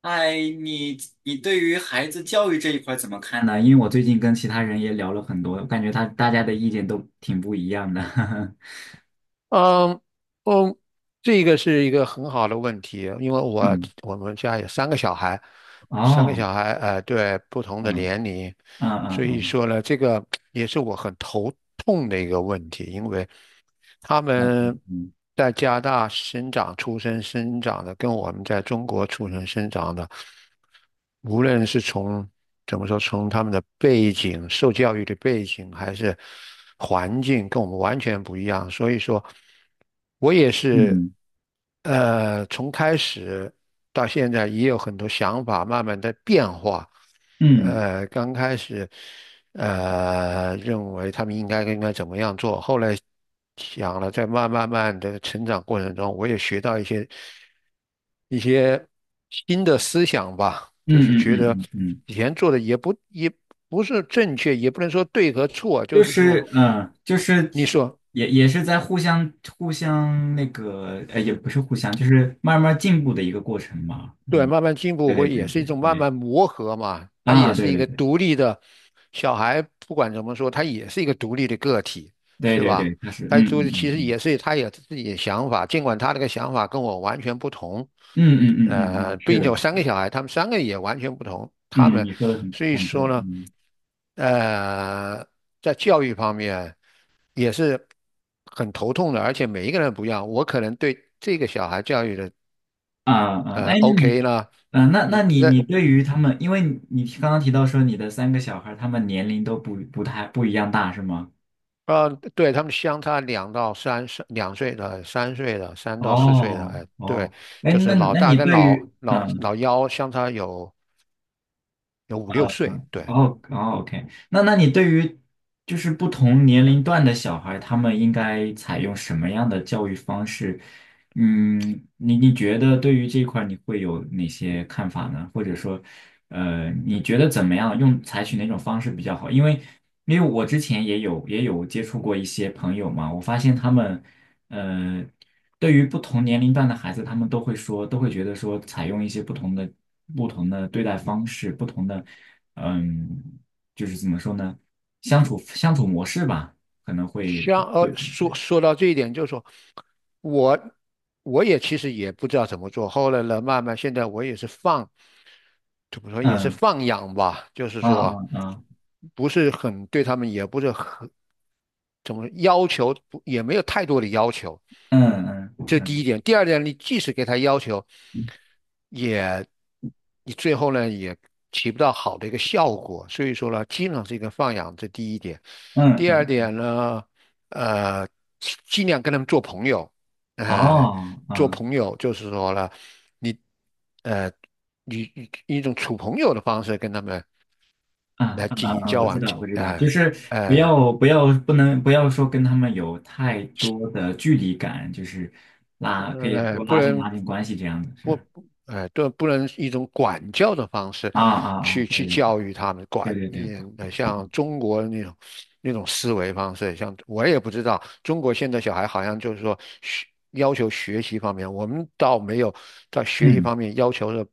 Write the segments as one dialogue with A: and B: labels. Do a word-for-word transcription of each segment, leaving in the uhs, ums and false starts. A: 哎，你你对于孩子教育这一块儿怎么看呢？因为我最近跟其他人也聊了很多，我感觉他大家的意见都挺不一样的。
B: 嗯嗯，这个是一个很好的问题，因为我
A: 嗯。
B: 我们家有三个小孩，三个
A: 哦。
B: 小孩，呃，对，不同的
A: 嗯
B: 年龄，
A: 嗯
B: 所以
A: 嗯
B: 说呢，这个也是我很头痛的一个问题。因为。他
A: 嗯
B: 们
A: 嗯
B: 在加拿大生长、出生、生长的，跟我们在中国出生、生长的，无论是从怎么说，从他们的背景、受教育的背景，还是环境，跟我们完全不一样。所以说，我也
A: 嗯
B: 是，
A: 嗯
B: 呃，从开始到现在，也有很多想法慢慢在变化。
A: 嗯嗯嗯
B: 呃，刚开始。呃，认为他们应该应该怎么样做。后来想了，在慢慢慢的成长过程中，我也学到一些一些新的思想吧，
A: 嗯
B: 就是觉
A: 嗯。
B: 得
A: 嗯嗯。
B: 以前做的也不也不是正确，也不能说对和错，就
A: 就
B: 是说，
A: 是嗯，就是
B: 你说。
A: 也也是在互相互相那个，呃，也不是互相，就是慢慢进步的一个过程嘛。
B: 对，
A: 嗯。
B: 慢慢进步
A: 对对
B: 会也
A: 对
B: 是一种
A: 对
B: 慢
A: 对。
B: 慢磨合嘛，他也
A: 啊，
B: 是
A: 对
B: 一
A: 对
B: 个
A: 对
B: 独立的小孩，不管怎么说，他也是一个独立的个体，
A: 对
B: 是
A: 对
B: 吧？
A: 对，他是。
B: 他
A: 嗯嗯
B: 就其
A: 嗯
B: 实
A: 嗯
B: 也是他有自己的想法，尽管他那个想法跟我完全不同，
A: 嗯嗯嗯嗯嗯。
B: 呃，
A: 是
B: 并且
A: 的，
B: 我
A: 是
B: 三
A: 的。
B: 个小孩，他们三个也完全不同，他
A: 嗯。
B: 们
A: 你说的很
B: 所以
A: 很对。
B: 说呢，
A: 嗯。
B: 呃，在教育方面也是很头痛的，而且每一个人不一样，我可能对这个小孩教育的。
A: 啊啊。
B: 呃
A: 哎，那你。
B: ，OK 呢，
A: 啊，那
B: 你
A: 那你你
B: 在
A: 对于他
B: 嗯
A: 们，因为你你刚刚提到说你的三个小孩，他们年龄都不不太不一样大，是吗？
B: 呃，对他们相差两到三岁，两岁的、三岁的、三到四岁的，
A: 哦
B: 哎，对，
A: 哦。哎，
B: 就
A: 那
B: 是
A: 你
B: 老
A: 那
B: 大
A: 你
B: 跟
A: 对
B: 老
A: 于。
B: 老
A: 嗯、
B: 老幺相差有有五六岁，
A: 嗯。
B: 对。
A: 哦哦。OK。那那你对于就是不同年龄段的小孩，他们应该采用什么样的教育方式？嗯。你你觉得对于这一块儿你会有哪些看法呢？或者说，呃，你觉得怎么样用采取哪种方式比较好？因为因为我之前也有也有接触过一些朋友嘛，我发现他们。呃。对于不同年龄段的孩子，他们都会说，都会觉得说，采用一些不同的、不同的对待方式，不同的。嗯。就是怎么说呢，相处相处模式吧，可能会。
B: 像呃，
A: 对。
B: 说说到这一点，就是说我我也其实也不知道怎么做，后来呢，慢慢现在我也是放，怎么说也是
A: 嗯。
B: 放养吧，就是
A: 啊
B: 说
A: 啊啊。
B: 不是很对他们，也不是很怎么说要求，不也没有太多的要求，
A: 嗯嗯
B: 这是第一
A: 嗯
B: 点。第二点，你即使给他要求，也你最后呢也起不到好的一个效果。所以说呢，经常是一个放养，这第一点。
A: 嗯
B: 第二
A: 嗯。
B: 点呢，呃，尽尽量跟他们做朋友，呃，
A: 哦。
B: 做
A: 嗯
B: 朋友就是说呢，你呃，以以一种处朋友的方式跟他们
A: 嗯
B: 来
A: 嗯
B: 进
A: 嗯
B: 行
A: 嗯。
B: 交
A: 我知
B: 往，
A: 道，我知道，就
B: 呃
A: 是不
B: 呃。
A: 要不要不能不要说跟他们有太多的距离感，就是拉可以
B: 呃，
A: 多
B: 不
A: 拉近拉
B: 能。
A: 近关系这样子，
B: 不，
A: 是。
B: 哎，对，不能一种管教的方式
A: 啊啊啊。
B: 去去
A: 对
B: 教育他们，管
A: 对对对
B: 也呃
A: 对对。
B: 像中国那种那种思维方式，像我也不知道，中国现在小孩好像就是说学要求学习方面，我们倒没有在学习
A: 嗯
B: 方面要求的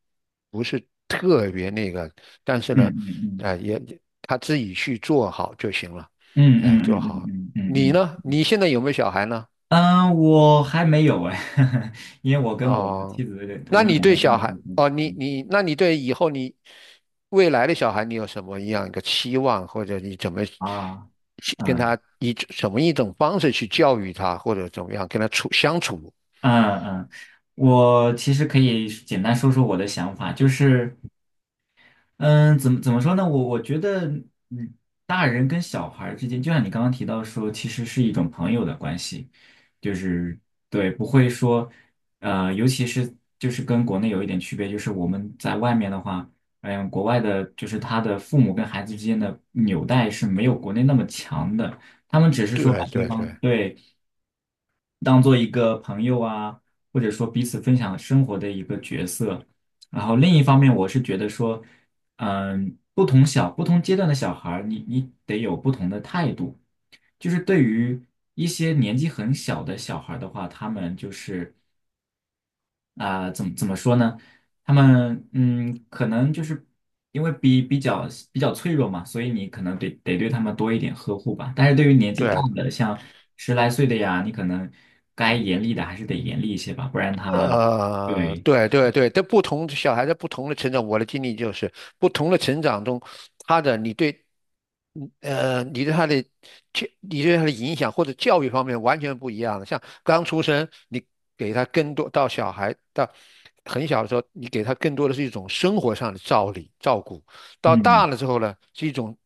B: 不是特别那个，但是
A: 嗯
B: 呢，
A: 嗯嗯
B: 哎，也他自己去做好就行了，
A: 嗯
B: 哎，做
A: 嗯嗯
B: 好。
A: 嗯嗯嗯
B: 你
A: 嗯。
B: 呢？你现在有没有小孩呢？
A: 嗯。我还没有哎。因为我跟我的
B: 哦，
A: 妻子，我
B: 那
A: 们
B: 你
A: 两
B: 对
A: 个
B: 小
A: 刚结
B: 孩，
A: 婚。
B: 哦，你
A: 嗯
B: 你，那你对以后你未来的小孩，你有什么样一个期望，或者你怎么
A: 啊。
B: 去跟
A: 嗯
B: 他以什么一种方式去教育他，或者怎么样跟他处相处？
A: 嗯嗯。嗯我其实可以简单说说我的想法，就是。嗯。怎么怎么说呢？我我觉得，嗯，大人跟小孩儿之间，就像你刚刚提到说，其实是一种朋友的关系，就是对，不会说，呃，尤其是就是跟国内有一点区别，就是我们在外面的话，嗯，国外的就是他的父母跟孩子之间的纽带是没有国内那么强的，他们只是说
B: 对
A: 把对
B: 对
A: 方
B: 对
A: 对。当做一个朋友啊，或者说彼此分享生活的一个角色。然后另一方面，我是觉得说，嗯，不同小不同阶段的小孩儿，你你得有不同的态度。就是对于一些年纪很小的小孩儿的话，他们就是。啊、怎么怎么说呢？他们嗯，可能就是因为比比较比较脆弱嘛，所以你可能得得对他们多一点呵护吧。但是对于年纪大
B: 对，
A: 的，像十来岁的呀，你可能该严厉的还是得严厉一些吧，不然他。
B: 呃，
A: 对。
B: 对对对，在不同小孩在不同的成长，我的经历就是不同的成长中，他的你对，嗯呃，你对他的教，你对他的影响或者教育方面完全不一样的。像刚出生，你给他更多到小孩到很小的时候，你给他更多的是一种生活上的照理照顾；到
A: 嗯。
B: 大了之后呢，是一种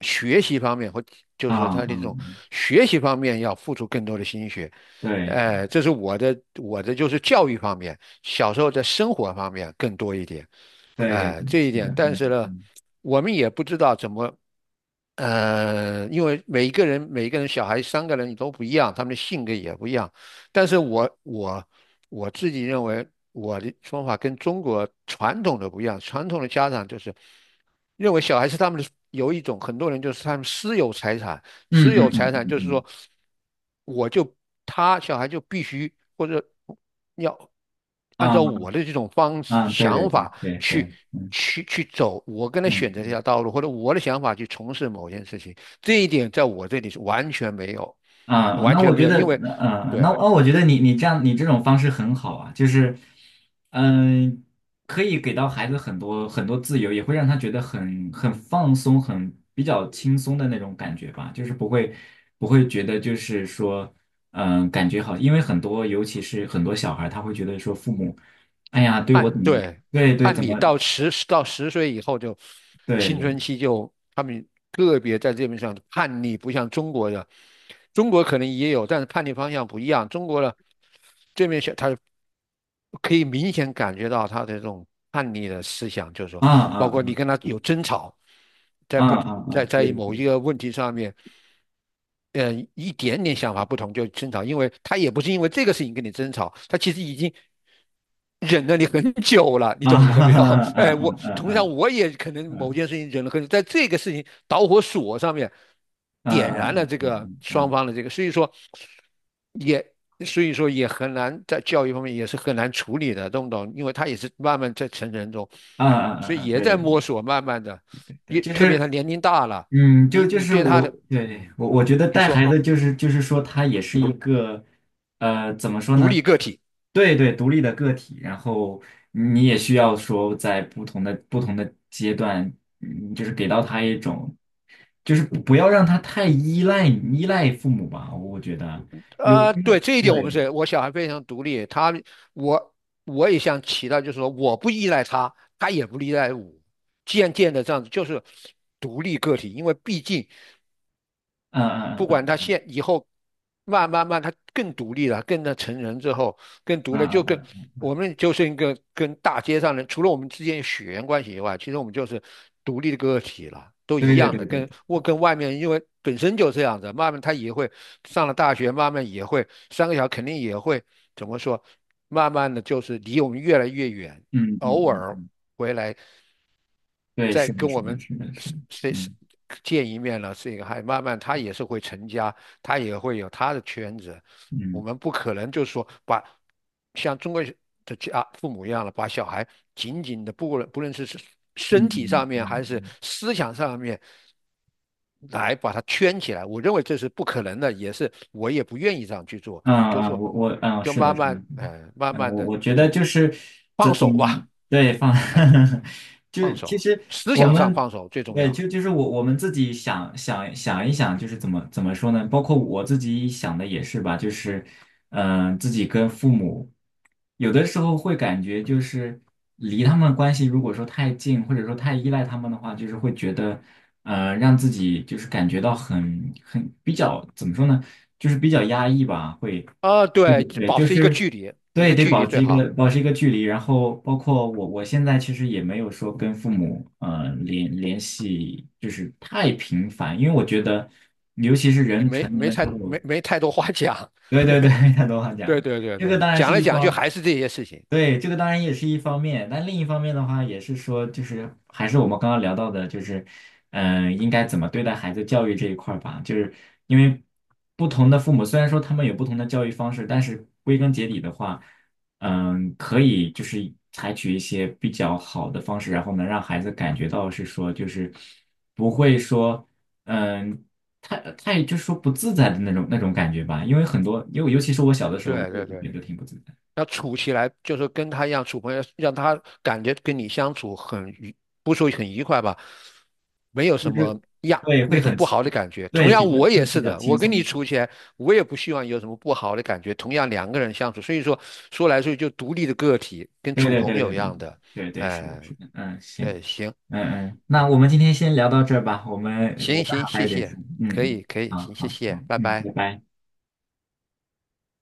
B: 学习方面或就
A: 啊
B: 是说他
A: 啊。
B: 的这种
A: 嗯。
B: 学习方面要付出更多的心血。
A: 对
B: 呃，这是我的我的就是教育方面，小时候在生活方面更多一点，
A: 对对
B: 呃，
A: 对，
B: 这一
A: 是的。
B: 点。但是
A: 嗯
B: 呢，
A: 嗯
B: 我们也不知道怎么，呃，因为每一个人每一个人小孩三个人都不一样，他们的性格也不一样。但是我我我自己认为我的方法跟中国传统的不一样，传统的家长就是认为小孩是他们的有一种很多人就是他们私有财产，
A: 嗯
B: 私有
A: 嗯
B: 财产
A: 嗯
B: 就是
A: 嗯
B: 说，我就他小孩就必须或者要按
A: 嗯。啊
B: 照我的这种方式
A: 啊。对对
B: 想
A: 对
B: 法
A: 对对。
B: 去
A: 嗯
B: 去去走，我跟他选择这
A: 嗯。
B: 条道路，或者我的想法去从事某件事情，这一点在我这里是完全没有，
A: 啊，
B: 完
A: 那
B: 全
A: 我
B: 没
A: 觉
B: 有，
A: 得，
B: 因为
A: 呃，那
B: 对。
A: 那我觉得你你这样你这种方式很好啊，就是。嗯、可以给到孩子很多很多自由，也会让他觉得很很放松，很比较轻松的那种感觉吧，就是不会不会觉得就是说。嗯、感觉好，因为很多尤其是很多小孩儿他会觉得说父母，哎呀，对我怎
B: 按
A: 么样。
B: 对，
A: 对对
B: 按
A: 怎
B: 理
A: 么
B: 到十到十岁以后就
A: 对
B: 青
A: 对。
B: 春期就他们个别在这边上叛逆，不像中国的，中国可能也有，但是叛逆方向不一样。中国的可以明显感觉到他的这种叛逆的思想，就是说，
A: 啊啊
B: 包括你
A: 啊
B: 跟他有争吵，在
A: 啊
B: 不
A: 啊
B: 在
A: 啊。对
B: 在
A: 对
B: 某
A: 对。
B: 一个问题上面，嗯，一点点想法不同就争吵，因为他也不是因为这个事情跟你争吵，他其实已经忍了你很久了，你
A: 啊
B: 懂我意思
A: 哈
B: 没
A: 哈。
B: 有？
A: 啊
B: 哎，我
A: 啊
B: 同样
A: 啊
B: 我也可能
A: 啊啊
B: 某件事情忍了很久，在这个事情导火索上面。
A: 啊
B: 点
A: 啊啊
B: 燃了这个
A: 啊啊。
B: 双
A: 啊。
B: 方的这个，所以说也所以说也很难在教育方面也是很难处理的，懂不懂？因为他也是慢慢在成人中，
A: 嗯嗯嗯
B: 所以
A: 嗯。
B: 也
A: 对
B: 在
A: 对对
B: 摸索，慢慢的，
A: 对。
B: 也
A: 就
B: 特别
A: 是
B: 他年龄大了，
A: 嗯，就
B: 你
A: 就
B: 你
A: 是
B: 对他
A: 我。
B: 的，
A: 对对。
B: 嗯，
A: 我我觉得
B: 你
A: 带孩
B: 说
A: 子就是就是说他也是一个，呃，怎么说
B: 独
A: 呢？
B: 立个体。
A: 对对，独立的个体，然后你也需要说在不同的不同的阶段。嗯，就是给到他一种，就是不不要让他太依赖依赖父母吧，我觉得有
B: 呃，
A: 因
B: 对，
A: 为
B: 这一点我们
A: 对。
B: 是，我小孩非常独立，他我我也想起到，就是说我不依赖他，他也不依赖我，渐渐的这样子就是独立个体，因为毕竟
A: 嗯嗯
B: 不管
A: 嗯
B: 他现以后慢慢慢他更独立了，更的成人之后更独
A: 嗯
B: 立，就
A: 嗯
B: 跟
A: 嗯嗯。
B: 我们就是一个跟大街上人，除了我们之间血缘关系以外，其实我们就是独立的个体了，都一
A: 对对
B: 样
A: 对
B: 的，
A: 对对。
B: 跟我跟外面因为本身就这样子，慢慢他也会上了大学，慢慢也会三个小孩肯定也会怎么说，慢慢的就是离我们越来越远，
A: 嗯嗯
B: 偶
A: 嗯
B: 尔
A: 嗯。
B: 回来
A: 对，
B: 再
A: 是的，
B: 跟
A: 是
B: 我
A: 的，
B: 们
A: 是的，是的。
B: 是是
A: 嗯
B: 见一面了，是一个还慢慢他也是会成家，他也会有他的圈子，我
A: 嗯。
B: 们不可能就是说把像中国的家父母一样的把小孩紧紧的，不论不论是
A: 嗯
B: 身体上
A: 嗯
B: 面还是
A: 嗯
B: 思想上面。来把他圈起来，我认为这是不可能的，也是我也不愿意这样去做。
A: 嗯。啊
B: 就是
A: 啊
B: 说，
A: 我我嗯。
B: 就
A: 是的，
B: 慢
A: 是的，是
B: 慢，
A: 的。
B: 呃，慢
A: 嗯，
B: 慢
A: 我
B: 的
A: 我
B: 一
A: 觉得
B: 种
A: 就是
B: 放
A: 怎怎
B: 手
A: 么
B: 吧，
A: 对。放。
B: 嗯、呃
A: 就
B: 放
A: 是其
B: 手，
A: 实
B: 思
A: 我
B: 想上
A: 们
B: 放手最重
A: 对
B: 要。
A: 就就是我我们自己想想想一想，就是怎么怎么说呢？包括我自己想的也是吧，就是嗯、呃自己跟父母。有的时候会感觉就是离他们关系如果说太近，或者说太依赖他们的话，就是会觉得，呃，让自己就是感觉到很很比较怎么说呢，就是比较压抑吧，会。
B: 啊，
A: 对
B: 对，
A: 对，
B: 保
A: 就
B: 持一个
A: 是
B: 距离，一
A: 对，
B: 个
A: 得
B: 距
A: 保
B: 离最
A: 持一个
B: 好。
A: 保持一个距离，然后包括我我现在其实也没有说跟父母呃联联系就是太频繁，因为我觉得。
B: 你没没太没没太多话讲。
A: 对对对。他都话
B: 对
A: 讲。
B: 对对
A: 这个
B: 对，
A: 当然是
B: 讲来
A: 一
B: 讲去
A: 方。
B: 还是这些事情。
A: 对，这个当然也是一方面，但另一方面的话，也是说，就是还是我们刚刚聊到的，就是。嗯、应该怎么对待孩子教育这一块儿吧，就是因为不同的父母，虽然说他们有不同的教育方式，但是归根结底的话，嗯，可以就是采取一些比较好的方式，然后能让孩子感觉到是说，就是不会说。嗯，太太就是说不自在的那种那种感觉吧，因为很多，因为尤其是我小的时候，我
B: 对
A: 也
B: 对
A: 会
B: 对。
A: 觉得挺不自在，
B: 要处起来，就是跟他一样处朋友，让他感觉跟你相处很愉，不说很愉快吧，没有
A: 就
B: 什
A: 是
B: 么呀
A: 对，
B: 那
A: 会
B: 种
A: 很，
B: 不好的感觉。同
A: 对，
B: 样，
A: 比较
B: 我
A: 会
B: 也
A: 比
B: 是
A: 较
B: 的，
A: 轻
B: 我跟
A: 松一
B: 你
A: 点。
B: 处起来，我也不希望有什么不好的感觉。同样，两个人相处，所以说说来说去就独立的个体，跟
A: 对
B: 处
A: 对
B: 朋
A: 对对
B: 友一
A: 对
B: 样的。
A: 对对。是的，
B: 哎、
A: 是的。嗯，行。
B: 对，行
A: 嗯嗯。那我们今天先聊到这儿吧，我们我
B: 行
A: 刚
B: 行，
A: 好还
B: 谢
A: 有点事。
B: 谢，
A: 嗯
B: 可
A: 嗯。
B: 以可以，
A: 好
B: 行，谢
A: 好
B: 谢，
A: 好。
B: 拜
A: 嗯。
B: 拜。
A: 拜拜。